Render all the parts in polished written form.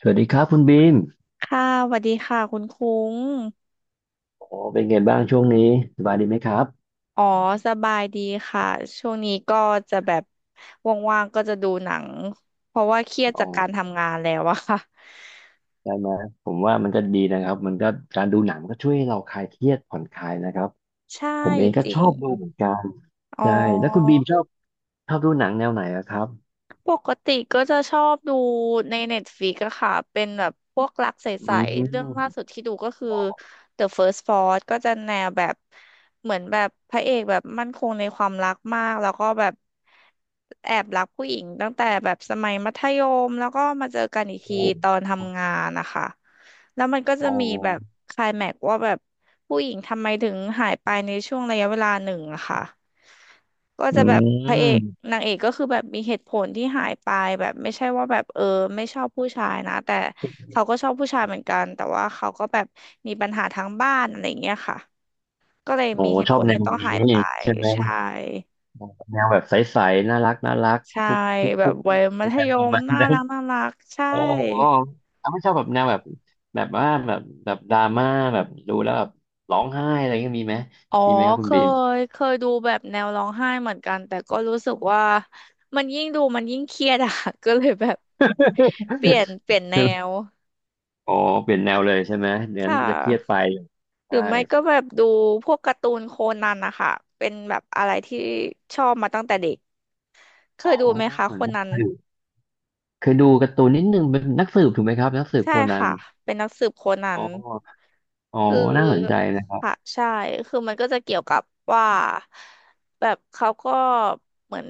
สวัสดีครับคุณบีมค่ะสวัสดีค่ะคุณคุ้ง โอ้เป็นไงบ้างช่วงนี้สบายดีไหมครับอ๋อ สบายดีค่ะ ช่วงนี้ก็จะแบบว่างๆก็จะดูหนัง เพราะว่าเครียดอ๋อจากการทำงานแล้วอะค่ะ ได้ไหมผมว่ามันก็ดีนะครับมันก็การดูหนังก็ช่วยให้เราคลายเครียดผ่อนคลายนะครับใช่ผมเองก็จริชอง บดูเหมือนกันอ๋อ ใช่แล้วคุณบีมชอบดูหนังแนวไหนอะครับปกติก็จะชอบดูในเน็ตฟ i ิกอะค่ะเป็นแบบพวกรักใอืสๆเรื่องล่ามสุดที่ดูก็คือ The First Frost ก็จะแนวแบบเหมือนแบบพระเอกแบบมั่นคงในความรักมากแล้วก็แบบแอบรักผู้หญิงตั้งแต่แบบสมัยมัธยมแล้วก็มาเจอกันอีกทีโอ้ตอนทำงานนะคะแล้วมันก็โอจะมีแบบ้ไคลแม็กซ์ว่าแบบผู้หญิงทำไมถึงหายไปในช่วงระยะเวลาหนึ่งอะค่ะ ก็อืจะแบบพระเอกมนางเอกก็คือแบบมีเหตุผลที่หายไปแบบไม่ใช่ว่าแบบเออไม่ชอบผู้ชายนะแต่เขาก็ชอบผู้ชายเหมือนกันแต่ว่าเขาก็แบบมีปัญหาทางบ้านอะไรอย่างเงี้ยค่ะก็เลยโอ้มีเหตุชผอบลแนที่วต้องนี้หายไปใช่ไหมใช่แนวแบบใสๆน่ารักน่ารักใช่คุกคิกแบคุบกวักิยกไปมัธกันยประมมาณน่านั้น รักน่ารักใช่อ๋อ้ถ้าไม่ชอบแบบแนวแบบแบบว่าแบบแบบดราม่าแบบดูแล้วแบบร้องไห้อะไรเงี้ยมีไหมอ๋อมีไหมครับเคคุณบีม เคยดูแบบแนวร้องไห้เหมือนกันแต่ก็รู้สึกว่ามันยิ่งดูมันยิ่งเครียดอะ ก็เลยแบบเปลี่ยน แนใช่ไหม ว อ๋อเปลี่ยนแนวเลยใช่ไหมเดี๋ยวนั้ค่ะ นจะเครียดไปหรืใช่อไม่ก็แบบดูพวกการ์ตูนโคนันนะคะเป็นแบบอะไรที่ชอบมาตั้งแต่เด็กเคอ๋อยดูไหมคะโคนักนัน สืบเคยดูการ์ตูนนิดนึงเป็นนักสืบถูกไหมครับนักสืบใช่โคนันค่ะเป็นนักสืบโคนัอ๋นออ๋อคืน่าสนใจอนะครัค่ะบใช่คือมันก็จะเกี่ยวกับว่าแบบเขาก็เหมือน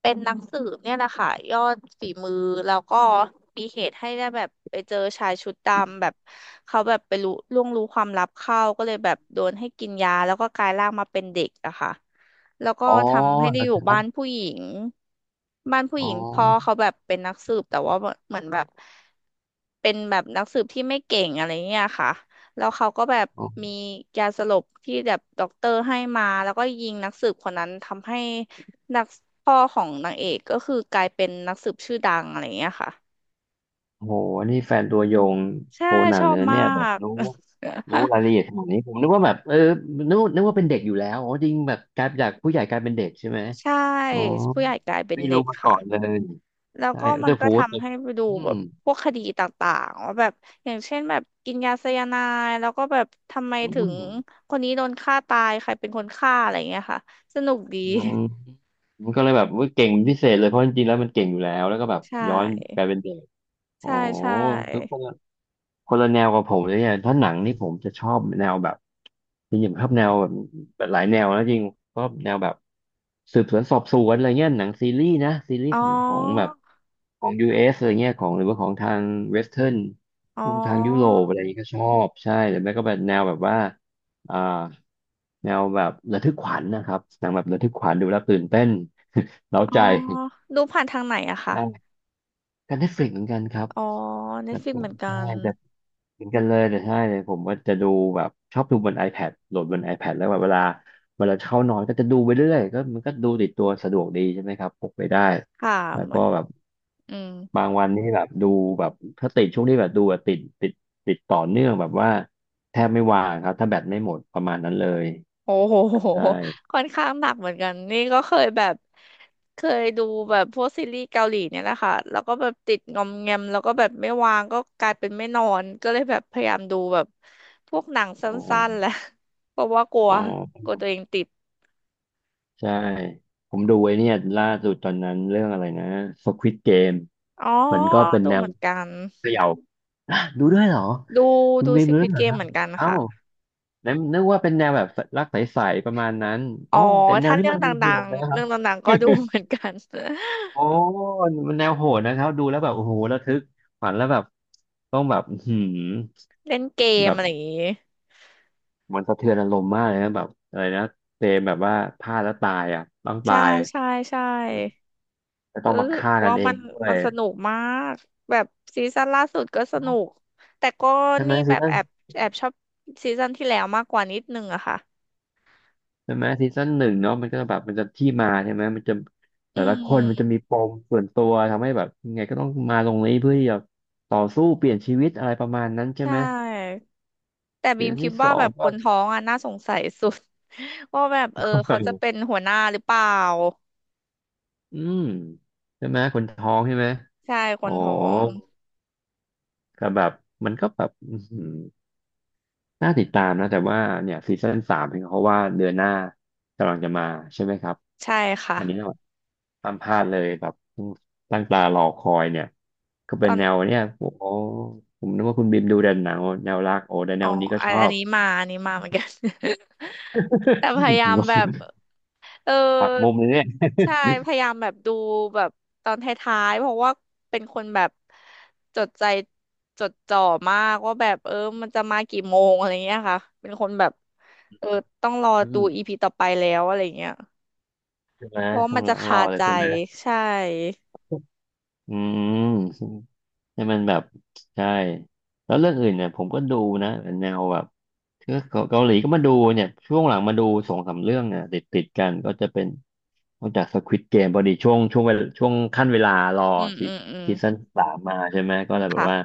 เป็นนักสืบเนี่ยแหละค่ะยอดฝีมือแล้วก็มีเหตุให้ได้แบบไปเจอชายชุดดำแบบเขาแบบไปรู้ล่วงรู้ความลับเข้าก็เลยแบบโดนให้กินยาแล้วก็กลายร่างมาเป็นเด็กอะค่ะ แล้วก็อ๋อทำให้ได้นะอยู่ครับ้าบนผู้หญิงบ้านผู้อ๋หอญิงพ่อเขาแบบเป็นนักสืบแต่ว่าเหมือนแบบเป็นแบบนักสืบที่ไม่เก่งอะไรเงี้ยค่ะแล้วเขาก็แบบมีโยาสลบที่แบบด็อกเตอร์ให้มาแล้วก็ยิงนักสืบคนนั้นทำให้นักพ่อของนางเอกก็คือกลายเป็นนักสืบชื่อดังอะไรเงี้ยค่ะอ้โหนี่แฟนตัวยงใช่โคนัชนอเลบยนะมาเนี่ยแบบก รู้ รู้รายละเอียดขนาดนี้ผมนึกว่าแบบนึกว่าเป็นเด็กอยู่แล้วอ๋อจริงแบบกลายจากผู้ใหญ่กลายเป็นเด็กใช่ไหมใช่อ๋อผู้ใหญ่กลายเป็นไม่เด็รู้กมาก่ค่ะ อนเลยแล้วใช่ก็มัแต่นก็พูดทำให้ไปดูอืแบมบพวกคดีต่างๆว่าแบบอย่างเช่นแบบกินยาไซยาไนด์แล้วก็แบบทำไมอืถึงมคนนี้โดนฆ่าตายใครเป็นคนฆ่าอะไรอย่างเงี้ยค่ะสนุกดี อืมมันก็เลยแบบว่าเก่งเป็นพิเศษเลยเพราะจริงๆแล้วมันเก่งอยู่แล้วแล้วก็แบบ ใชย้อนก่ลายเป็นเด็กโอ้ใช่ใช่ทุกคนคนละแนวกับผมเลยเนี่ยถ้าหนังนี่ผมจะชอบแนวแบบ จริงๆชอบแนวแบบแบบหลายแนวแล้วจริงชอบแนวแบบสืบสวนสอบสวนอะไรเงี้ยหนังซีรีส์นะซีรีอ๋ส์อของแบบของ US อสอะไรเงี้ยของหรือว่าของทางเวสเทิร์นอ๋พวกทางยุโรอปอะไรนี้ยก็ชอบใช่หรือไม่ก็แบบแนวแบบว่าอ่าแนวแบบระทึกขวัญนะครับหนังแบบระทึกขวัญดูแล้วตื่นเต้นเร้าอ๋อใจ ดูผ่านทางไหนอะ คะใช่กันได้ฟลิกเหมือนกันครับอ๋อ ครับผ Netflix เหมมือนกัใช่ นเหมือนกันเลยแต่ใช่เลยผมว่าจะดูแบบชอบดูบน iPad โหลดบน iPad แล้วแบบเวลาเข้านอนก็จะดูไปเรื่อยก็มันก็ดูติดตัวสะดวกดีใช่ไหมครับพกไปได้ค่ะแล้วเหมือก็นแบบอืม บางวันนี่แบบดูแบบถ้าติดช่วงนี้แบบดูแบบติดติดต่อเนื่องแบบว่าแทบไม่ว่างครับถ้าแบตไม่หมดประมาณนั้นเลยโอ้โหใช่ค่อนข้างหนักเหมือนกันนี่ก็เคยแบบเคยดูแบบพวกซีรีส์เกาหลีเนี่ยแหละค่ะแล้วก็แบบติดงอมแงมแล้วก็แบบไม่วางก็กลายเป็นไม่นอนก็เลยแบบพยายามดูแบบพวกหนังสโอั้นๆ้แหละ เพราะว่ากลัวอ๋อกลัวตัวเองติดใช่ผมดูไอ้เนี่ยล่าสุดตอนนั้นเรื่องอะไรนะ Squid Game อ๋อมันก็เป็นดูแนเหวมือนกันเขย่า ดูด้วยเหรอดูคุณดู เบมดูด้ว Squid ยเหรอค Game รัเหบมือนกันเอ้าค่ะนล้นึกว่าเป็นแนวแบบรักใสๆประมาณนั้นอ๋อเอ้าแต่แนวถ้านี้เรื่อมังนดยังโหัดงนะๆครัเรื่บองดังๆก็ดูเหมือนกัน โอ้ มันแนวโหดนะครับดูแล้วแบบโอ้โหระทึกขวัญแล้วแบบต้องแบบอื้อหืมเล่นเกมแบบอะไรอย่างงี้มันสะเทือนอารมณ์มากเลยนะแบบอะไรนะเตมแบบว่าพลาดแล้วตายอ่ะต้องตาใช่ยใช่ใช่ จะต้องรู้มาสึกฆ่ากันว่าเอมังนด้วมัยนสนุกมากแบบซีซั่นล่าสุดก็สนุกแต่ก็ใช่ไหมนี่แบซีบซั่น แอบชอบซีซั่นที่แล้วมากกว่านิดนึงอะค่ะใช่ไหมซีซั่นหนึ่งเนาะมันก็แบบมันจะที่มาใช่ไหมมันจะอืแต่ละคนมันจะมมีปมส่วนตัวทำให้แบบยังไงก็ต้องมาตรงนี้เพื่อที่จะต่อสู้เปลี่ยนชีวิตอะไรประมาณนั้นใชใช่ไหม่แต่บีซีมซั่นคิดที่สว่าอแบงบคก็ นท้องอะน่าสงสัยสุด ว่าแบบเออเขาจะเป็นหัวหน้าหรือเปล่า อืมใช่ไหมคนท้องใช่ไหมใช่คอ๋อนท้องก็แบบมันก็แบบอื้อหือน่าติดตามนะแต่ว่าเนี่ยซีซั่นสามเห็นเขาว่าเดือนหน้ากำลังจะมาใช่ไหมครับใช่อันนี้ ค่ะห้ามพลาดเลยแบบตั้งตารอคอยเนี่ยก็ตเป็นอน แนวเนี่ยโอ้โหผมนึกว่าคุณบิมดูแต่หนังแนวรักโอ้แต่แนอ๋อวนี้ก็อัชนออันบ นี้มาอันนี้มาเหมือนกัน แต่พ ยางยามแบบงเออหักมุมเลยเนี่ยใช่พยายามแบบดูแบบตอนท้ายๆเพราะว่าเป็นคนแบบจดใจจดจ่อมากว่าแบบเออมันจะมากี่โมงอะไรเงี้ยค่ะ เป็นคนแบบเออต้องรออืดูม อีพีต่อไปแล้วอะไรเงี้ย ใช่ไหมเพราะว่าต้อมังนจะรคาอเลใจยใช่ไหม ใช่อืมให้มันแบบใช่แล้วเรื่องอื่นเนี่ยผมก็ดูนะแนวแบบคือเกาหลีก็มาดูเนี่ยช่วงหลังมาดูสองสามเรื่องเนี่ยติดกันก็จะเป็นนอกจาก Squid Game พอดีช่วงช่วงเวลาช่วงขั้นเวลารออืมซีอืมอืมซีซั่นสามมาใช่ไหมก็เลยแบบค่ะว่า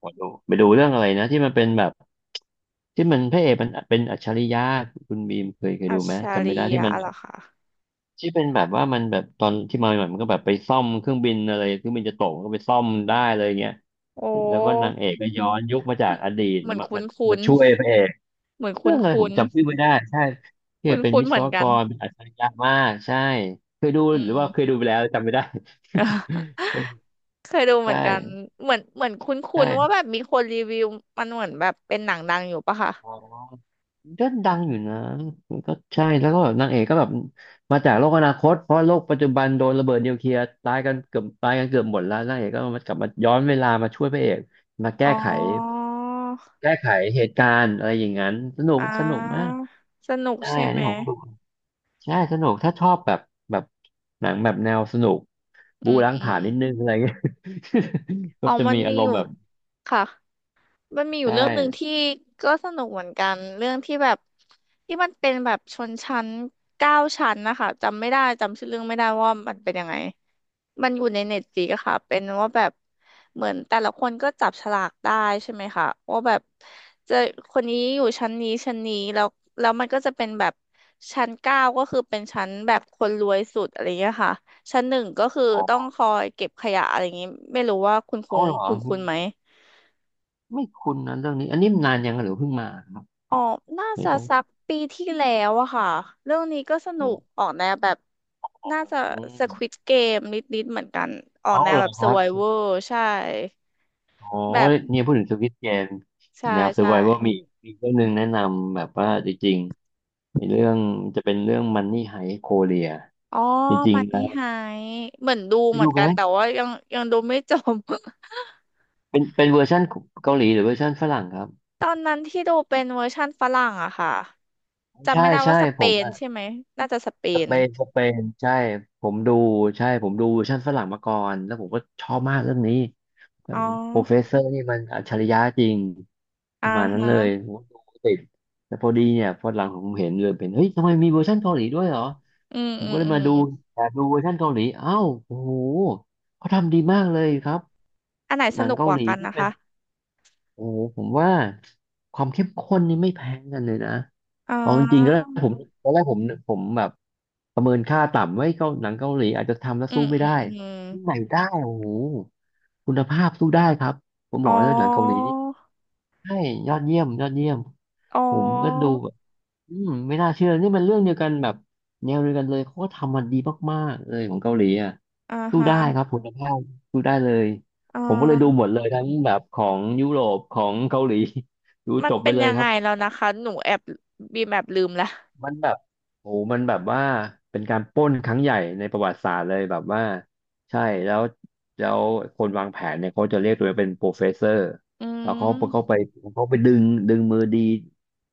ขอดูไปดูเรื่องอะไรนะที่มันเป็นแบบที่มันพระเอกมันเป็นอัจฉริยะคุณบีมเคยอัดูชไหมชาจำไม่ริได้ที่ยะมัน เหรอคะที่เป็นแบบว่ามันแบบตอนที่มาใหม่ๆมันก็แบบไปซ่อมเครื่องบินอะไรเครื่องบินจะตกมันก็ไปซ่อมได้เลยเงี้ยโอแล้วก็นา้งเอกก็ย้อนยุคมาจากอดีตเหมือนมาคุ้นคุ้มาน ช่วยพระเอกเหมือนเรื่คุ้อนงอะไรคุ้ผมนจำชื่อไม่ได้ใช่ที่คุ้นเป็นคุ้นวิๆศเหมือวนกกันรเป็นอัจฉริยะมากใช่เคยดูอืหรือม ว่าเคยดูไปแล้วจำไม่ได้ เออ เคยดูเหใชมือนกัน่เหมือนเหมือนคุ้นคุ้นว่าใช่ แบบมีคนรีวิวมันเหมือนแบบเป็นหนังดังอยู่ปะคะอ๋อก็ดังอยู่นะมันก็ใช่แล้วก็แบบนางเอกก็แบบมาจากโลกอนาคตเพราะโลกปัจจุบันโดนระเบิดนิวเคลียร์ตายกันเกือบหมดแล้วนางเอกก็มากลับมาย้อนเวลามาช่วยพระเอกมาอ๋แก้อไขแก้ไขเหตุการณ์อะไรอย่างนั้นสนุกอ่สนุกมากาสนุกใช่ใช่อันไหมนี้ผมก็ดูใช่สนุกถ้าชอบแบบแบบหนังแบบแนวสนุกอืบู๊มล้างอืผลามญนิดนึงอะไรเงี้ย ก็อ๋อจะมันมีมีอารอมยู่ณ์แบบค่ะ มันมีอยู่เรื่ใช่องหนึ่งที่ก็สนุกเหมือนกันเรื่องที่แบบที่มันเป็นแบบชนชั้น9 ชั้นนะคะจำไม่ได้จำชื่อเรื่องไม่ได้ว่ามันเป็นยังไงมันอยู่ในเน็ตฟลิกซ์อะค่ะเป็นว่าแบบเหมือนแต่ละคนก็จับฉลากได้ใช่ไหมคะว่าแบบจะคนนี้อยู่ชั้นนี้ชั้นนี้แล้วแล้วมันก็จะเป็นแบบชั้นเก้าก็คือเป็นชั้นแบบคนรวยสุดอะไรเงี้ยค่ะชั้น 1ก็คืออ๋ต้องอคอยเก็บขยะอะไรอย่างงี้ไม่รู้ว่าคุณอ๋คุ้องเหรอคุณไม่คุ้นไหม ไม่คุ้นนะเรื่องนี้อันนี้นานยังหรือเพิ่งมาครับอ๋อ น่าไม่จะต้อง สักปีที่แล้วอะค่ะ เรื่องนี้ก็สนุอืกออกแนวแบบน่าจะ ม Squid Game นิดๆเหมือนกันออกเอาแนวเหรแบอบ ครับ Survivor ใช่โอ้แบบยเนี่ยพูดถึงสวิตเกมใช่แนว ใช่ survival มีมีเรื่องหนึงแนะนำแบบว่าจริงๆไอ้เรื่องจะเป็นเรื่อง Money Heist Korea อ๋อ จริงมันๆนะนี่ไฮเหมือนดูไปเหมือดูนไหกัมนแต่ว่ายังยังดูไม่จบ เป็นเป็นเวอร์ชันเกาหลีหรือเวอร์ชันฝรั่งครับตอนนั้นที่ดูเป็นเวอร์ชั่นฝรั่งอะค่ะจำใช่ไม่ได้ใช่ว่าสเปผม นใช่ไหมน่าจะสเปสนเปนสเปนใช่ผมดูใช่ผมดูเวอร์ชันฝรั่งมาก่อนแล้วผมก็ชอบมากเรื่องนี้ อ๋อโปรเฟสเซอร์นี่มันอัจฉริยะจริงปอ่าระมาณนั้นฮะเลยผมก็ดูติดแต่พอดีเนี่ยพอหลังผมเห็นเลยเป็นเฮ้ยทำไมมีเวอร์ชันเกาหลีด้วยเหรออืมผมอืก็มเลยอืมามดูแต่ดูเวอร์ชันเกาหลีอ้าวโอ้โหเขาทำดีมากเลยครับอันไหนหสนังนุกเกากหว่าลีกันที่นะเป็น คะโอ้ผมว่าความเข้มข้นนี่ไม่แพ้กันเลยนะอ๋อ เอาจริงๆแล้วผมตอนแรกผมแบบประเมินค่าต่ำไว้เกาหนังเกาหลีอาจจะทำแล้วอืสู้มไม่อืมได้อืมที่ไหนได้โอ้โหคุณภาพสู้ได้ครับผมบอ๋ออกเลยหนังเกาหลีนี่ใช่ยอดเยี่ยมยอดเยี่ยมอ๋อผมก็ดู อืมไม่น่าเชื่อนี่มันเรื่องเดียวกันแบบแนวเดียวกันเลยเขาก็ทำมันดีมากๆเลยของเกาหลีอ่ะอ่าสู้ฮะได้ครับคุณภาพสู้ได้เลยอ่ผมก็เลยดูหามดเลยทั้งแบบของยุโรปของเกาหลี ดูมัจนบไปเป็นเลยยังครัไงบแล้วนะคะหนูแอบบีมแอบลืมละมันแบบโอ้โหมันแบบว่าเป็นการปล้นครั้งใหญ่ในประวัติศาสตร์เลยแบบว่าใช่แล้วแล้วคนวางแผนเนี่ยเขาจะเรียกตัวเองเป็นโปรเฟสเซอร์อืแล้วเขาเขามไปเขาไปดึงดึงมือดี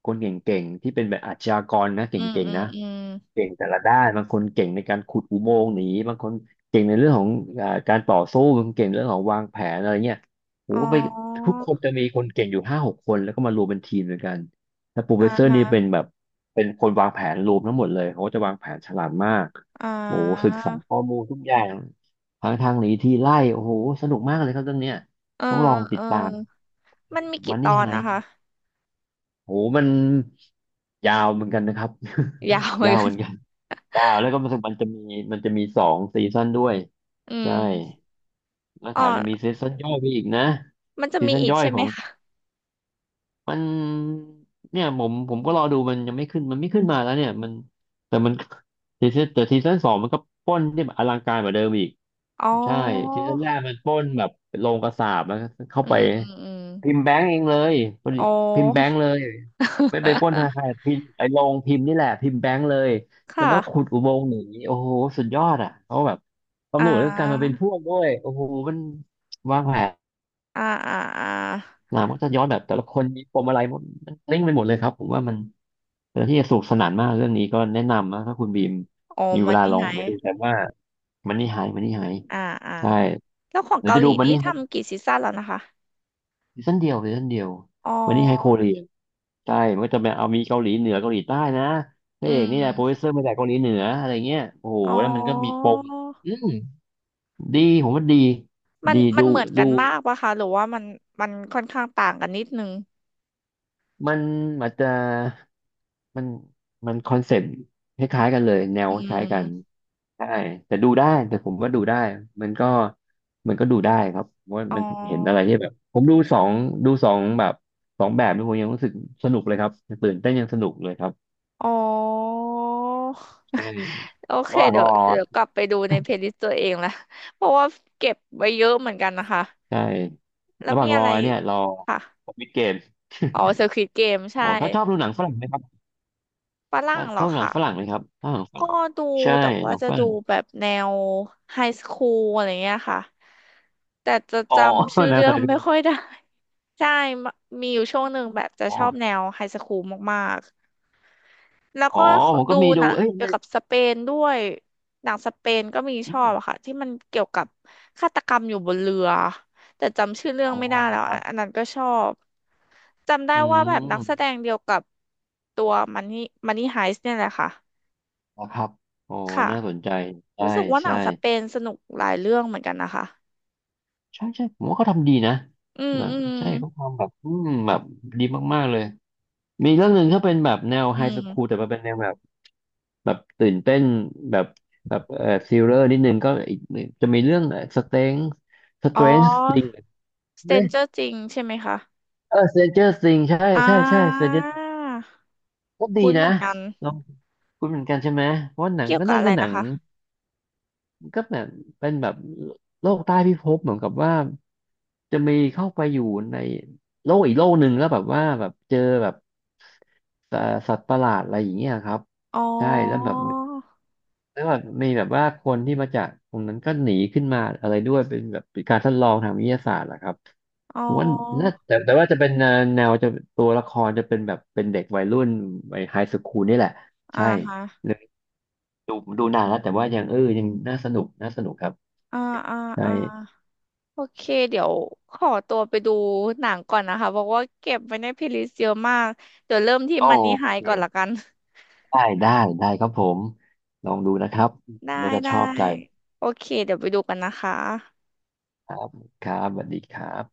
คนเก่งๆที่เป็นแบบอาชญากรนะเกอืม่งอืๆมนะ อืมเก่งแต่ละด้านบางคนเก่งในการขุดอุโมงค์หนีบางคนเก่งในเรื่องของการต่อสู้บางคนเก่งเรื่องของวางแผนอะไรเงี้ยโหอ๋อก็ไปทุกคนจะมีคนเก่งอยู่5-6คนแล้วก็มารวมเป็นทีมด้วยกันแล้วโปรเฟอ่าสเซอร์ฮะนี่เป็นแบบเป็นคนวางแผนรวมทั้งหมดเลยเขาก็จะวางแผนฉลาดมากอ่าโหศึกษาข้อมูลทุกอย่างทางทางหนีทีไล่โอ้โหสนุกมากเลยครับเรื่องเนี้ยเออต้องลองเอติดอตามเออมันมีกี่มันตอนี่นไฮนะคะโหมันยาวเหมือนกันนะครับ ยาวเห มือนยาวกัเหนมือนกัน เก้าแล้วก็รู้สึกมันจะมีมันจะมีสองซีซั่นด้วยอืใช่มแล้วอ๋แถมจะมีอซีซั่นย่อยไปอีกนะมันจะซีมีซั่นอีกย่อยใช่ขไหมองคะมันเนี่ยผมก็รอดูมันยังไม่ขึ้นมันไม่ขึ้นมาแล้วเนี่ยมันแต่มันซีซั่นแต่ซีซั่นสองมันก็ปล้นที่แบบอลังการกว่าเดิมอีก อ๋ใช่อทีแรกมันปล้นแบบโรงกษาปแล้วก็เข้าอืไปมอืมอืมพิมพ์แบงก์เองเลยพอดีอ๋พิมพ์แบงอ ก์เลยไม่ไปปล้นธนาคาร พิมพ์ไอ้โรงพิมพ์นี่แหละพิมพ์แบงก์เลยคแล้วก็ขุด่ะอุโมงค์หนีโอ้โหสุดยอดอ่ะเขาแบบอ่ตำรวจก็กลายมาเป็านพวกด้วยโอ้โหมันวางแผนอ่าอ่าอ่ามามันก็จะย้อนแบบแต่ละคนมีปมอะไรหมดมันลิงก์ไปหมดเลยครับผมว่ามันเป็นที่จะสนุกสนานมากเรื่องนี้ก็แนะนำนะถ้าคุณบีมอ๋อมีเวมันลานี่ลองหาย ไปดูแต่ว่ามันนี่หายมันนี่หายอ่าอ่าใช่แล้วของหรือเกาจะหลีดูมันนี่นี่ ทำกี่ซีซั่นแล้วนะคะซีซั่นเดียวซีซั่นเดียวอ๋มันนี่ไฮโคอเรียใช่มันก็จะแบบเอามีเกาหลีเหนือเกาหลีใต้นะพอืระเอกนี่แหละโปรดิวมเซอร์มาจากเกาหลีเหนืออะไรเงี้ยโอ้โหอ๋แล้วมันก็มีปอมอืมดีผมว่าดีมันดีมันดูเหมือนกัดูนมากปะคะหรือว่ามันมันค่อนข้างต่างกันนิดนึงมันอาจจะมันมันคอนเซ็ปต์คล้ายๆกันเลยแนวอืคล้ายกันมใช่แต่ดูได้แต่ผมว่าดูได้มันก็มันก็ดูได้ครับเพราะว่าอ๋อมันเห็นอะไรที่แบบผมดูสองดูสองแบบสองแบบนี่ผมยังรู้สึกสนุกเลยครับตื่นเต้นยังสนุกเลยครับ อ๋อ ใช่ โอเคระหว่างเดี๋รยอวเดี๋ยวกลับไปดูในเพลย์ลิสต์ตัวเองละ เพราะว่าเก็บไว้เยอะเหมือนกันนะคะใช่แล้วระหมีว่างรอะอไรเนี่ยรอค่ะมิดเกมอ๋อ Squid Game ใช่โอ้ถ้าชอบดูหนังฝรั่งไหมครับฝรั่ถ้างเหรชออบดูหนังคะ ฝรั่งไหมครับชอบหนังฝรั่ก็งดูใช่แต่หว่านังจะฝรั่ดูงแบบแนวไฮสคูลอะไรเงี้ยค่ะแต่จะอ๋จอ ำชื่อ นะเรื่อใส่งดูไม่ค่อยได้ ใช่มมีอยู่ช่วงหนึ่งแบบจะอ๋อชอบแนวไฮสคูลมากๆแล้วอ๋อก็ผมก็ดูมีหดูนังเอ้ยเกี่ยวนั่นกับสเปนด้วยหนังสเปนก็มีอชอบมอะค่ะที่มันเกี่ยวกับฆาตกรรมอยู่บนเรือแต่จำชื่อเรื่ออ๋งอไม่ได้เหแล้รอวคอะรับอันนั้นก็ชอบจำได้อืว่าแบบนักแสดมงเดียวกับตัวมันนี่มันนี่ไฮส์เนี่ยแหละค่ะนะครับโอ้ค่ะ น่าสนใจใช่รู้สึกว่าหนัใช่งสเปนสนุกหลายเรื่องเหมือนกันนะคะใช่ใช่ผมว่าเขาทำดีนะอืมหนังอืมใช่เขาทำแบบอืมแบบดีมากๆเลยมีเรื่องหนึ่งถ้าเป็นแบบแนวอืไฮสคูลมแต่มันเป็นแนวแบบ แบบตื่นเต้นแบบแบบซีเรอร์นิดนึงก็อีกจะมีเรื่องสเตงสเตอ๋อ รนจ์ Stranger จริงใช่ไหมคะเออสเตนเจอร์ซิงใช่อ่ใช่ใช่สเตานเจอร์ก็ดีคุ้นเหนะมือนกัน ลองคุณเหมือนกันใช่ไหมเพราะว่าหนังเกี่ยวก็กับน่าอะจะไรเป็นหนันะงคะก็แบบเป็นแบบโลกใต้พิภพเหมือนกับว่าจะมีเข้าไปอยู่ในโลกอีกโลกหนึ่งแล้วแบบว่าแบบเจอแบบเอ่อสัตว์ประหลาดอะไรอย่างเงี้ยครับอ๋ใช่แล้วอแบบ แล้วแบบมีแบบว่าคนที่มาจากตรงนั้นก็หนีขึ้นมาอะไรด้วยเป็นแบบเป็นการทดลองทางวิทยาศาสตร์เหรอครับอ๋ผมว่าน่าอแต่แต่ว่าจะเป็นแนวแนวจะตัวละครจะเป็นแบบเป็นเด็กวัยรุ่นวัยไฮสคูลนี่แหละอ่าใช่ฮะเลยดูดูนานแล้วแต่ว่ายังยังน่าสนุกน่าสนุกครับอ่าอ่าใช่อ่าโอเคเดี๋ยวขอตัวไปดูหนังก่อนนะคะ เพราะว่าเก็บไว้ในเพลย์ลิสต์เยอะมากเดี๋ยวเริ่มที่โอมันนี่ไฮก่อนละเคกัน ได้ได้ได้ครับผมลองดูนะครับได้น่าจะได้ชอบใจโอเคเดี๋ยวไปดูกันนะคะครับครับสวัสดีครับ